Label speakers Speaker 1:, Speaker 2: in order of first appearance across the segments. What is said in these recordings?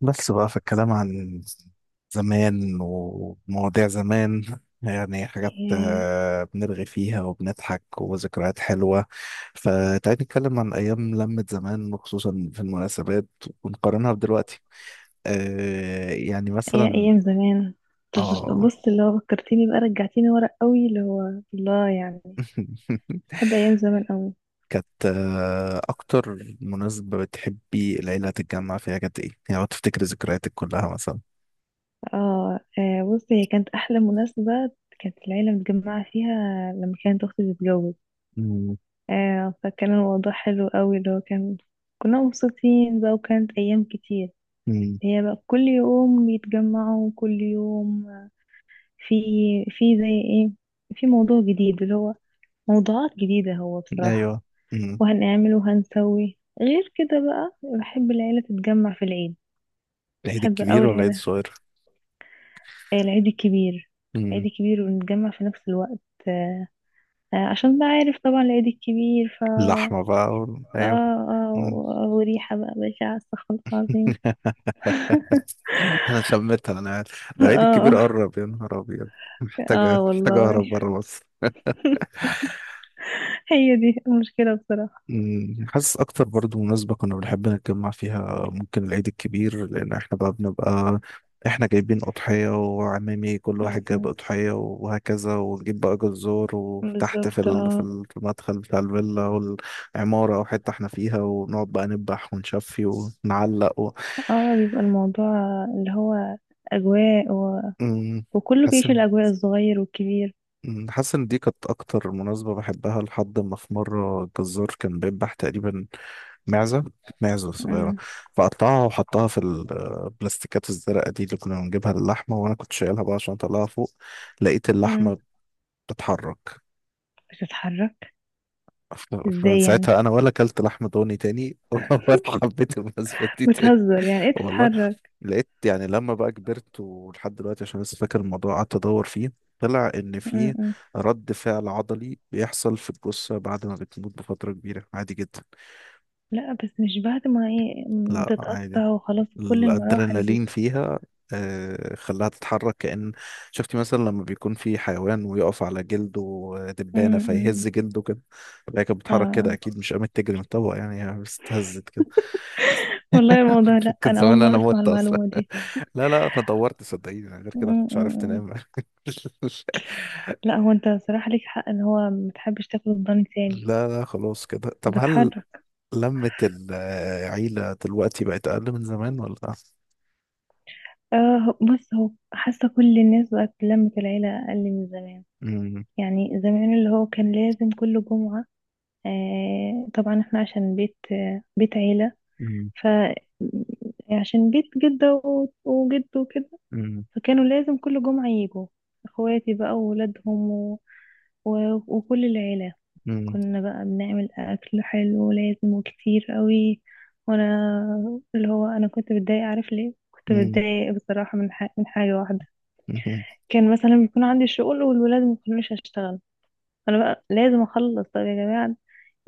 Speaker 1: بس بقى في الكلام عن زمان ومواضيع زمان، يعني حاجات
Speaker 2: ياه،
Speaker 1: بنرغي فيها وبنضحك وذكريات حلوة. فتعالي نتكلم عن أيام لمة زمان، وخصوصا في المناسبات، ونقارنها بدلوقتي. يعني
Speaker 2: يا
Speaker 1: مثلا.
Speaker 2: ايام زمان. طب
Speaker 1: اه.
Speaker 2: بص اللي هو فكرتيني بقى، رجعتيني ورا قوي اللي هو الله يعني. بحب ايام زمان قوي.
Speaker 1: كانت أكتر مناسبة بتحبي العيلة تتجمع فيها كانت إيه؟ يعني لو تفتكري ذكرياتك كلها مثلا.
Speaker 2: بص، هي كانت احلى مناسبة كانت العيلة متجمعة فيها لما كانت اختي بتتجوز.
Speaker 1: مم.
Speaker 2: آه، فكان الموضوع حلو قوي، اللي هو كان كنا مبسوطين بقى، وكانت ايام كتير.
Speaker 1: مم.
Speaker 2: هي بقى كل يوم بيتجمعوا، كل يوم في في زي ايه، في موضوع جديد، اللي هو موضوعات جديدة هو بصراحة.
Speaker 1: أيوه. مم.
Speaker 2: وهنعمل وهنسوي غير كده بقى، بحب العيلة تتجمع في العيد.
Speaker 1: العيد
Speaker 2: بحب أوي
Speaker 1: الكبير ولا العيد
Speaker 2: العيلة.
Speaker 1: الصغير؟
Speaker 2: العيد الكبير. العيد
Speaker 1: مم.
Speaker 2: الكبير، ونتجمع في نفس الوقت. آه، عشان بقى عارف طبعا العيد الكبير ف
Speaker 1: اللحمة بقى
Speaker 2: اه.
Speaker 1: ايوه.
Speaker 2: اه
Speaker 1: مم.
Speaker 2: و- وريحة بقى بشعة، استغفر الله العظيم.
Speaker 1: انا شميتها، انا عارف. ده العيد الكبير
Speaker 2: اه.
Speaker 1: قرب، يا نهار ابيض.
Speaker 2: اه
Speaker 1: محتاجة
Speaker 2: والله،
Speaker 1: اهرب بره مصر.
Speaker 2: هي دي المشكلة بصراحة.
Speaker 1: مم. حاسس اكتر برضو مناسبة كنا بنحب نتجمع فيها ممكن العيد الكبير، لان احنا بقى بنبقى احنا جايبين اضحية، وعمامي كل
Speaker 2: م-
Speaker 1: واحد جايب
Speaker 2: م.
Speaker 1: اضحية وهكذا، ونجيب بقى جزور، وتحت
Speaker 2: بالظبط اه.
Speaker 1: في المدخل بتاع الفيلا والعمارة او حتة احنا فيها، ونقعد بقى نذبح ونشفي ونعلق.
Speaker 2: اه بيبقى الموضوع اللي هو أجواء و...
Speaker 1: أمم،
Speaker 2: وكله
Speaker 1: حاسس
Speaker 2: بيعيش
Speaker 1: إن-
Speaker 2: الأجواء، الصغير والكبير.
Speaker 1: أمم، حاسس ان دي كانت اكتر مناسبه بحبها، لحد ما في مره الجزار كان بيذبح تقريبا معزه معزه صغيره،
Speaker 2: م-
Speaker 1: فقطعها وحطها في البلاستيكات الزرقاء دي اللي كنا بنجيبها للحمه، وانا كنت شايلها بقى عشان اطلعها فوق، لقيت
Speaker 2: م.
Speaker 1: اللحمه بتتحرك.
Speaker 2: بتتحرك.
Speaker 1: فمن
Speaker 2: ازاي يعني؟
Speaker 1: ساعتها انا ولا اكلت لحم ضاني تاني ولا حبيت المناسبه دي تاني.
Speaker 2: بتهزر؟ يعني ايه
Speaker 1: والله
Speaker 2: تتحرك؟
Speaker 1: لقيت يعني لما بقى كبرت ولحد دلوقتي عشان لسه فاكر الموضوع قعدت ادور فيه، طلع ان
Speaker 2: م-
Speaker 1: في
Speaker 2: م.
Speaker 1: رد فعل عضلي بيحصل في الجثه بعد ما بتموت بفتره كبيره، عادي جدا.
Speaker 2: لا بس مش بعد ما ايه
Speaker 1: لا، عادي.
Speaker 2: تتقطع وخلاص، كل المراحل دي؟
Speaker 1: الادرينالين فيها خلاها تتحرك، كأن شفتي مثلا لما بيكون في حيوان ويقف على جلده
Speaker 2: م-
Speaker 1: دبانة
Speaker 2: م.
Speaker 1: فيهز جلده كده. فهي كانت بتتحرك كده،
Speaker 2: اه
Speaker 1: أكيد مش قامت تجري من الطبق، يعني هي بس اتهزت كده.
Speaker 2: والله، الموضوع لا،
Speaker 1: كان
Speaker 2: انا اول
Speaker 1: زمان
Speaker 2: مرة
Speaker 1: أنا
Speaker 2: اسمع
Speaker 1: مت أصلا.
Speaker 2: المعلومة دي.
Speaker 1: لا، لا، انا دورت، صدقيني، أنا غير
Speaker 2: م-
Speaker 1: كده ما
Speaker 2: م-
Speaker 1: كنتش عرفت
Speaker 2: م.
Speaker 1: انام.
Speaker 2: لا، هو انت صراحة ليك حق ان هو متحبش تاكل الضن تاني.
Speaker 1: لا، لا، خلاص كده. طب، هل
Speaker 2: بتحرك.
Speaker 1: لمة العيلة دلوقتي بقت اقل من زمان ولا؟
Speaker 2: اه بص، هو حاسة كل الناس بقت لمة العيلة اقل من زمان.
Speaker 1: امم.
Speaker 2: يعني زمان اللي هو كان لازم كل جمعة. آه طبعا احنا عشان بيت عيلة.
Speaker 1: امم.
Speaker 2: ف عشان بيت جدة وجد وكده.
Speaker 1: امم.
Speaker 2: فكانوا لازم كل جمعة يجوا. اخواتي بقى وولادهم و... و... وكل العيلة.
Speaker 1: امم.
Speaker 2: كنا بقى بنعمل اكل حلو لازم وكتير قوي. وانا اللي هو انا كنت بتضايق. عارف ليه كنت
Speaker 1: امم.
Speaker 2: بتضايق بصراحة؟ من من حاجة واحدة.
Speaker 1: امم.
Speaker 2: كان مثلا بيكون عندي شغل والولاد ما كانوش هشتغل، انا بقى لازم اخلص. طب يا جماعة،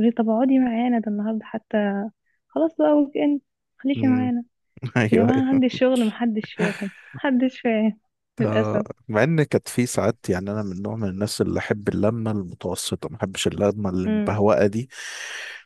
Speaker 2: يقولي طب اقعدي معانا، ده النهاردة حتى خلاص بقى ويك اند، خليكي
Speaker 1: أمم.
Speaker 2: معانا. يا
Speaker 1: ايوه،
Speaker 2: جماعة
Speaker 1: ايوه.
Speaker 2: عندي شغل، محدش فاهم، محدش فاهم،
Speaker 1: ده-
Speaker 2: للأسف.
Speaker 1: مع ان كانت في ساعات، يعني انا من نوع من الناس اللي احب اللمه المتوسطه، ما احبش اللمه
Speaker 2: امم.
Speaker 1: المبهوأه دي.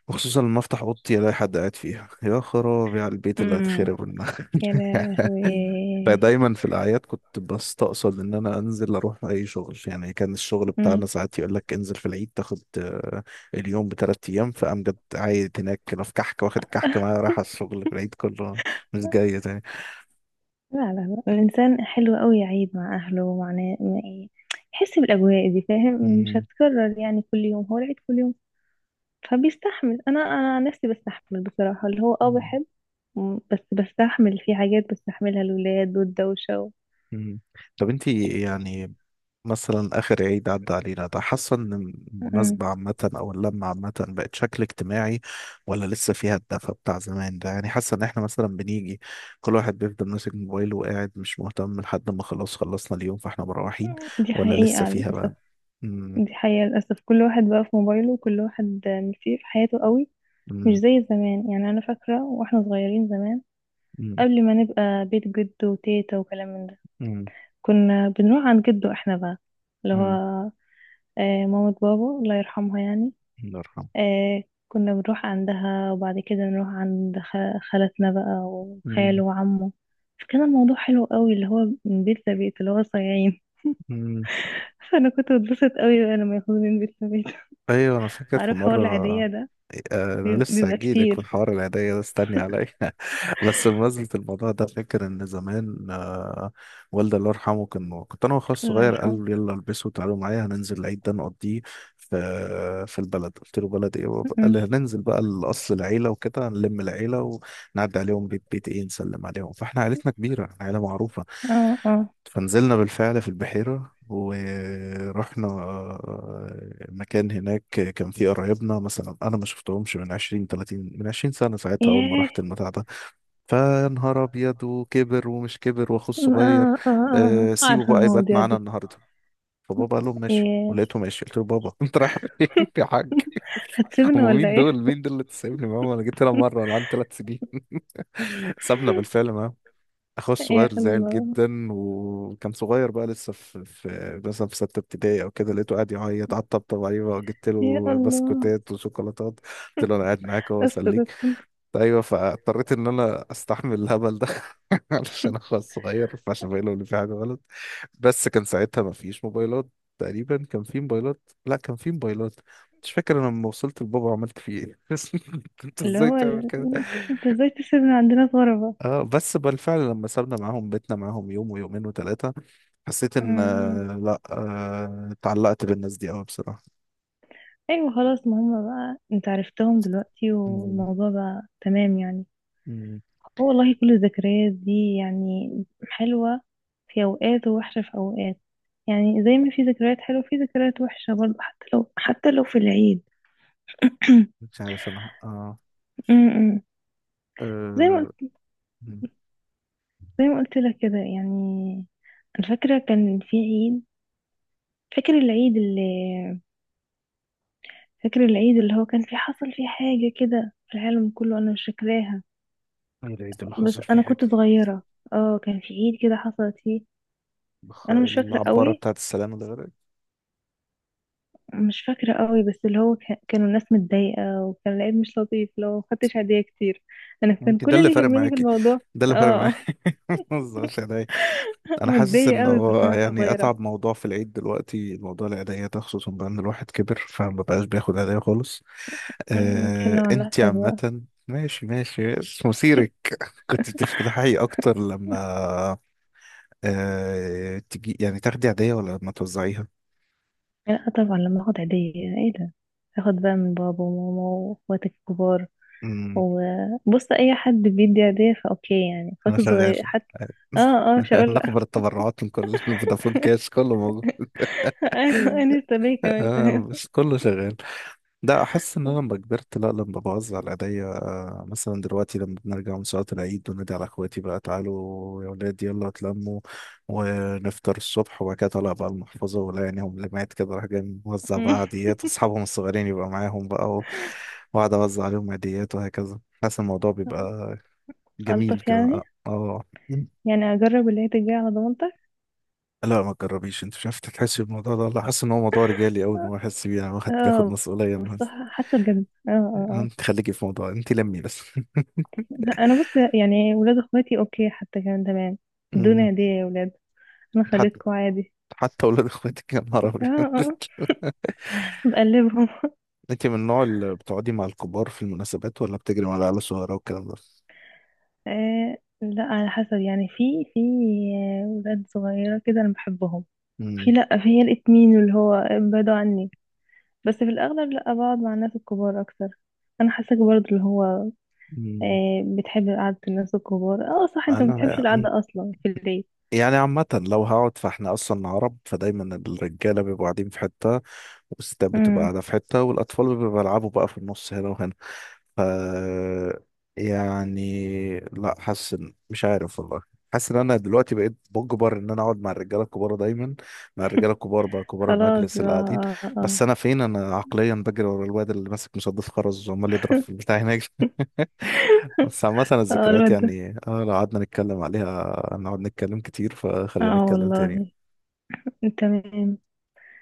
Speaker 1: وخصوصا لما افتح اوضتي الاقي حد قاعد فيها، يا خرابي على البيت اللي
Speaker 2: امم.
Speaker 1: هيتخرب منها.
Speaker 2: يا لهوي.
Speaker 1: فدايما في الاعياد كنت بستقصد ان انا انزل اروح اي شغل. يعني كان الشغل
Speaker 2: امم.
Speaker 1: بتاعنا ساعات يقول لك انزل في العيد، تاخد اليوم بثلاث ايام. فامجد عايد هناك كده في كحك واخد الكحك معاه رايح على الشغل في العيد كله، مش جاي تاني.
Speaker 2: لا لا، لا الإنسان حلو قوي يعيد مع أهله ومع مع إيه، يحس بالأجواء دي، فاهم؟ مش
Speaker 1: مم.
Speaker 2: هتكرر يعني، كل يوم هو العيد كل يوم. فبيستحمل. أنا عن نفسي بستحمل بصراحة، اللي هو أه بحب. مم، بس بستحمل في حاجات بستحملها، الولاد والدوشة و...
Speaker 1: مم. طب، انتي يعني، مثلا آخر عيد عدى علينا ده، حاسة إن
Speaker 2: مم.
Speaker 1: المناسبة عامة أو اللمة عامة بقت شكل اجتماعي، ولا لسه فيها الدفى بتاع زمان ده؟ يعني حاسة إن إحنا مثلا بنيجي كل واحد بيفضل ماسك موبايله وقاعد مش مهتم لحد ما خلاص خلصنا اليوم فإحنا مروحين؟
Speaker 2: دي
Speaker 1: ولا لسه
Speaker 2: حقيقة
Speaker 1: فيها
Speaker 2: للأسف.
Speaker 1: بقى؟ مم.
Speaker 2: دي حقيقة للأسف، كل واحد بقى في موبايله وكل واحد مشي في حياته قوي. مش
Speaker 1: مم.
Speaker 2: زي زمان. يعني أنا فاكرة واحنا صغيرين زمان،
Speaker 1: مم.
Speaker 2: قبل ما نبقى بيت جد وتيتا وكلام من ده،
Speaker 1: مم.
Speaker 2: كنا بنروح عند جده احنا بقى، اللي
Speaker 1: مم.
Speaker 2: هو آه، مامة بابا الله يرحمها يعني.
Speaker 1: الله يرحمه.
Speaker 2: آه، كنا بنروح عندها وبعد كده نروح عند خالتنا بقى
Speaker 1: مم.
Speaker 2: وخاله وعمه. فكان الموضوع حلو قوي، اللي هو من بيت لبيت، اللي هو صايعين.
Speaker 1: مم.
Speaker 2: فأنا كنت بتبسط قوي بقى لما ياخدوني من بيت لبيت.
Speaker 1: ايوه، انا فاكر في
Speaker 2: عارف حوار
Speaker 1: مره.
Speaker 2: العيدية ده؟
Speaker 1: انا لسه
Speaker 2: بيبقى
Speaker 1: هجيلك من
Speaker 2: كتير.
Speaker 1: حوار العيدية ده، استني عليا. بس بمناسبة الموضوع ده، فاكر ان زمان والدي الله يرحمه كان كنت انا واخويا
Speaker 2: الله
Speaker 1: الصغير،
Speaker 2: يرحمه.
Speaker 1: قال لي يلا البسوا تعالوا معايا، هننزل العيد ده نقضيه في في البلد. قلت له بلد ايه
Speaker 2: م-
Speaker 1: بابا؟ قال لي
Speaker 2: م.
Speaker 1: هننزل بقى لاصل العيله وكده نلم العيله، ونعدي عليهم بيت بيت، ايه نسلم عليهم، فاحنا عيلتنا كبيره، عيله معروفه.
Speaker 2: اه اه.
Speaker 1: فنزلنا بالفعل في البحيره، ورحنا مكان هناك. كان فيه قرايبنا مثلا انا ما شفتهمش من 20 30 من 20 سنه، ساعتها اول ما رحت
Speaker 2: ياه.
Speaker 1: المتاع ده فنهار ابيض. وكبر ومش كبر، واخوه
Speaker 2: آه
Speaker 1: الصغير.
Speaker 2: آه آه،
Speaker 1: سيبه
Speaker 2: عارفة
Speaker 1: بقى يبات
Speaker 2: المواضيع
Speaker 1: معانا
Speaker 2: دي.
Speaker 1: النهارده. فبابا قال لهم ماشي،
Speaker 2: إيه،
Speaker 1: ولقيته ماشي، قلت له بابا، انت رايح فين يا حاج؟
Speaker 2: هتسيبنا
Speaker 1: هم
Speaker 2: ولا
Speaker 1: مين
Speaker 2: إيه؟
Speaker 1: دول، مين دول اللي تسيبني معاهم؟ انا جيت هنا مره انا عندي ثلاث سنين. سابنا بالفعل معاهم. اخويا
Speaker 2: يا
Speaker 1: الصغير زعل
Speaker 2: الله،
Speaker 1: جدا وكان صغير بقى لسه في مثلا في سته ابتدائي او كده، لقيته قاعد يعيط. على الطبطب عليه بقى وجبت
Speaker 2: يا
Speaker 1: له
Speaker 2: الله.
Speaker 1: بسكوتات وشوكولاتات، قلت له انا قاعد معاك اهو
Speaker 2: أستاذ.
Speaker 1: اسليك. ايوه، فاضطريت ان انا استحمل الهبل ده علشان اخويا الصغير، فعشان باين له ان في حاجه غلط. بس كان ساعتها ما فيش موبايلات، تقريبا كان في موبايلات، لا كان في موبايلات، مش فاكر. انا لما وصلت لبابا عملت فيه ايه؟ انت
Speaker 2: اللي
Speaker 1: ازاي
Speaker 2: هو
Speaker 1: تعمل
Speaker 2: ال...
Speaker 1: كده؟
Speaker 2: أنت إزاي تسيبنا عندنا في غربة؟
Speaker 1: اه، بس بالفعل لما سابنا معاهم بيتنا معاهم يوم ويومين وثلاثة، حسيت ان
Speaker 2: أمم.
Speaker 1: لا، اتعلقت بالناس دي قوي، بصراحة.
Speaker 2: أيوة خلاص، ما هما بقى أنت عرفتهم دلوقتي،
Speaker 1: مم.
Speaker 2: والموضوع بقى تمام يعني.
Speaker 1: مم.
Speaker 2: هو والله كل الذكريات دي يعني حلوة في أوقات، ووحشة في أوقات. يعني زي ما في ذكريات حلوة، في ذكريات وحشة برضه، حتى لو، حتى لو في العيد.
Speaker 1: مش عارف انا. اه.
Speaker 2: أمم. زي ما،
Speaker 1: آه، مم.
Speaker 2: زي ما قلت لك كده يعني. انا فاكره كان في عيد. فاكر العيد اللي فاكر العيد اللي هو كان في، حصل فيه حاجه كده في العالم كله، انا مش فاكراها.
Speaker 1: ايه العيد اللي
Speaker 2: بس
Speaker 1: حصل فيه
Speaker 2: انا كنت
Speaker 1: حاجة؟
Speaker 2: صغيره. اه كان في عيد كده حصلت فيه. انا مش فاكره
Speaker 1: العبارة
Speaker 2: قوي،
Speaker 1: بتاعت السلامة ده غير؟
Speaker 2: مش فاكره قوي، بس اللي هو كان كانوا الناس متضايقه، وكان العيد مش لطيف لو ما خدتش هديه كتير. انا كان
Speaker 1: انت ده
Speaker 2: كل
Speaker 1: اللي
Speaker 2: اللي
Speaker 1: فارق
Speaker 2: يهمني في
Speaker 1: معاكي،
Speaker 2: الموضوع
Speaker 1: ده اللي فارق
Speaker 2: اه.
Speaker 1: معاكي؟ ما تهزريش عليا. انا حاسس
Speaker 2: ماديه
Speaker 1: ان
Speaker 2: قوي كنت
Speaker 1: هو
Speaker 2: وانا
Speaker 1: يعني
Speaker 2: صغيره.
Speaker 1: اتعب موضوع في العيد دلوقتي موضوع العيدية ده، خصوصا بقى ان الواحد كبر فما بقاش بياخد عيدية خالص.
Speaker 2: أمم، اتكلم عن
Speaker 1: انت
Speaker 2: نفسك بقى.
Speaker 1: عامة ماشي، ماشي. بس مثيرك، كنت بتفتحي اكتر لما تجي يعني تاخدي عادية، ولا لما توزعيها؟
Speaker 2: لا طبعا لما اخد عيدية، ايه ده. اخد بقى من بابا وماما، واخواتي الكبار.
Speaker 1: امم.
Speaker 2: وبص اي حد بيدي عيدية فاوكي يعني،
Speaker 1: انا
Speaker 2: اخواتي
Speaker 1: شغال.
Speaker 2: الصغير حتى. اه اه، مش هقول لا.
Speaker 1: نقبل التبرعات، من كل فودافون كاش، كله موجود.
Speaker 2: ايوه انا لسه بيه كمان، تمام.
Speaker 1: بس كله شغال. لا، احس ان انا لما كبرت، لا، لما بوزع العادية. مثلا دلوقتي لما بنرجع من صلاة العيد، بنادي على اخواتي بقى تعالوا يا ولاد، يلا اتلموا، ونفطر الصبح. وبعد كده طالع بقى المحفظة ولا يعينهم لمعت كده، راح جاي موزع بقى عاديات، واصحابهم الصغيرين يبقى معاهم بقى واقعد اوزع عليهم عاديات وهكذا. حاسس الموضوع بيبقى جميل
Speaker 2: الطف
Speaker 1: كده.
Speaker 2: يعني.
Speaker 1: اه.
Speaker 2: يعني اجرب اللي هي تجي على ضمانتك.
Speaker 1: لا، ما تجربيش، انت مش عارف تحس بالموضوع ده والله. حاسس ان هو موضوع رجالي قوي، ان هو يحس بيه، انا باخد
Speaker 2: اه
Speaker 1: مسؤوليه
Speaker 2: بس حاسه بجد. اه اه
Speaker 1: انت خليكي في موضوع انت، لمي بس.
Speaker 2: اه. انا بص يعني ولاد اخواتي اوكي حتى كمان تمام.
Speaker 1: مم.
Speaker 2: ادوني هديه يا ولاد، انا
Speaker 1: حد
Speaker 2: خليتكم عادي.
Speaker 1: حتى ولاد اخواتك، يا نهار
Speaker 2: اه
Speaker 1: ابيض؟
Speaker 2: اه آه. بقلبهم.
Speaker 1: انت من النوع اللي بتقعدي مع الكبار في المناسبات، ولا بتجري مع العيال الصغيره والكلام ده؟
Speaker 2: آه لا على حسب يعني، في آه، ولاد صغيرة كده أنا بحبهم. في،
Speaker 1: امم.
Speaker 2: لا في هي الاتنين اللي هو بعدوا عني. بس في الأغلب لا، بقعد مع الناس الكبار أكتر. أنا حاساك برضه اللي هو
Speaker 1: أمم.
Speaker 2: آه بتحب قعدة الناس الكبار. اه صح، انت ما بتحبش
Speaker 1: انا
Speaker 2: القعدة أصلا في البيت.
Speaker 1: يعني عامه لو هقعد، فاحنا اصلا عرب، فدايما الرجاله بيبقوا قاعدين في حته، والستات بتبقى
Speaker 2: امم.
Speaker 1: قاعده في حته، والاطفال بيبقوا بيلعبوا بقى في النص هنا وهنا. ف يعني لا، مش عارف والله. حاسس ان انا دلوقتي بقيت بجبر ان انا اقعد مع الرجاله الكبار دايما، مع الرجاله الكبار بقى، كبار
Speaker 2: خلاص
Speaker 1: المجلس
Speaker 2: بقى
Speaker 1: اللي قاعدين.
Speaker 2: اه اه.
Speaker 1: بس انا فين؟ انا عقليا بجري ورا الواد اللي ماسك مسدس خرز وعمال يضرب في البتاع هناك. بس عامة
Speaker 2: اه آه،
Speaker 1: الذكريات
Speaker 2: الواد ده.
Speaker 1: يعني، لو قعدنا نتكلم عليها نقعد نتكلم كتير. فخلينا
Speaker 2: اه
Speaker 1: نتكلم
Speaker 2: والله.
Speaker 1: تاني.
Speaker 2: تمام.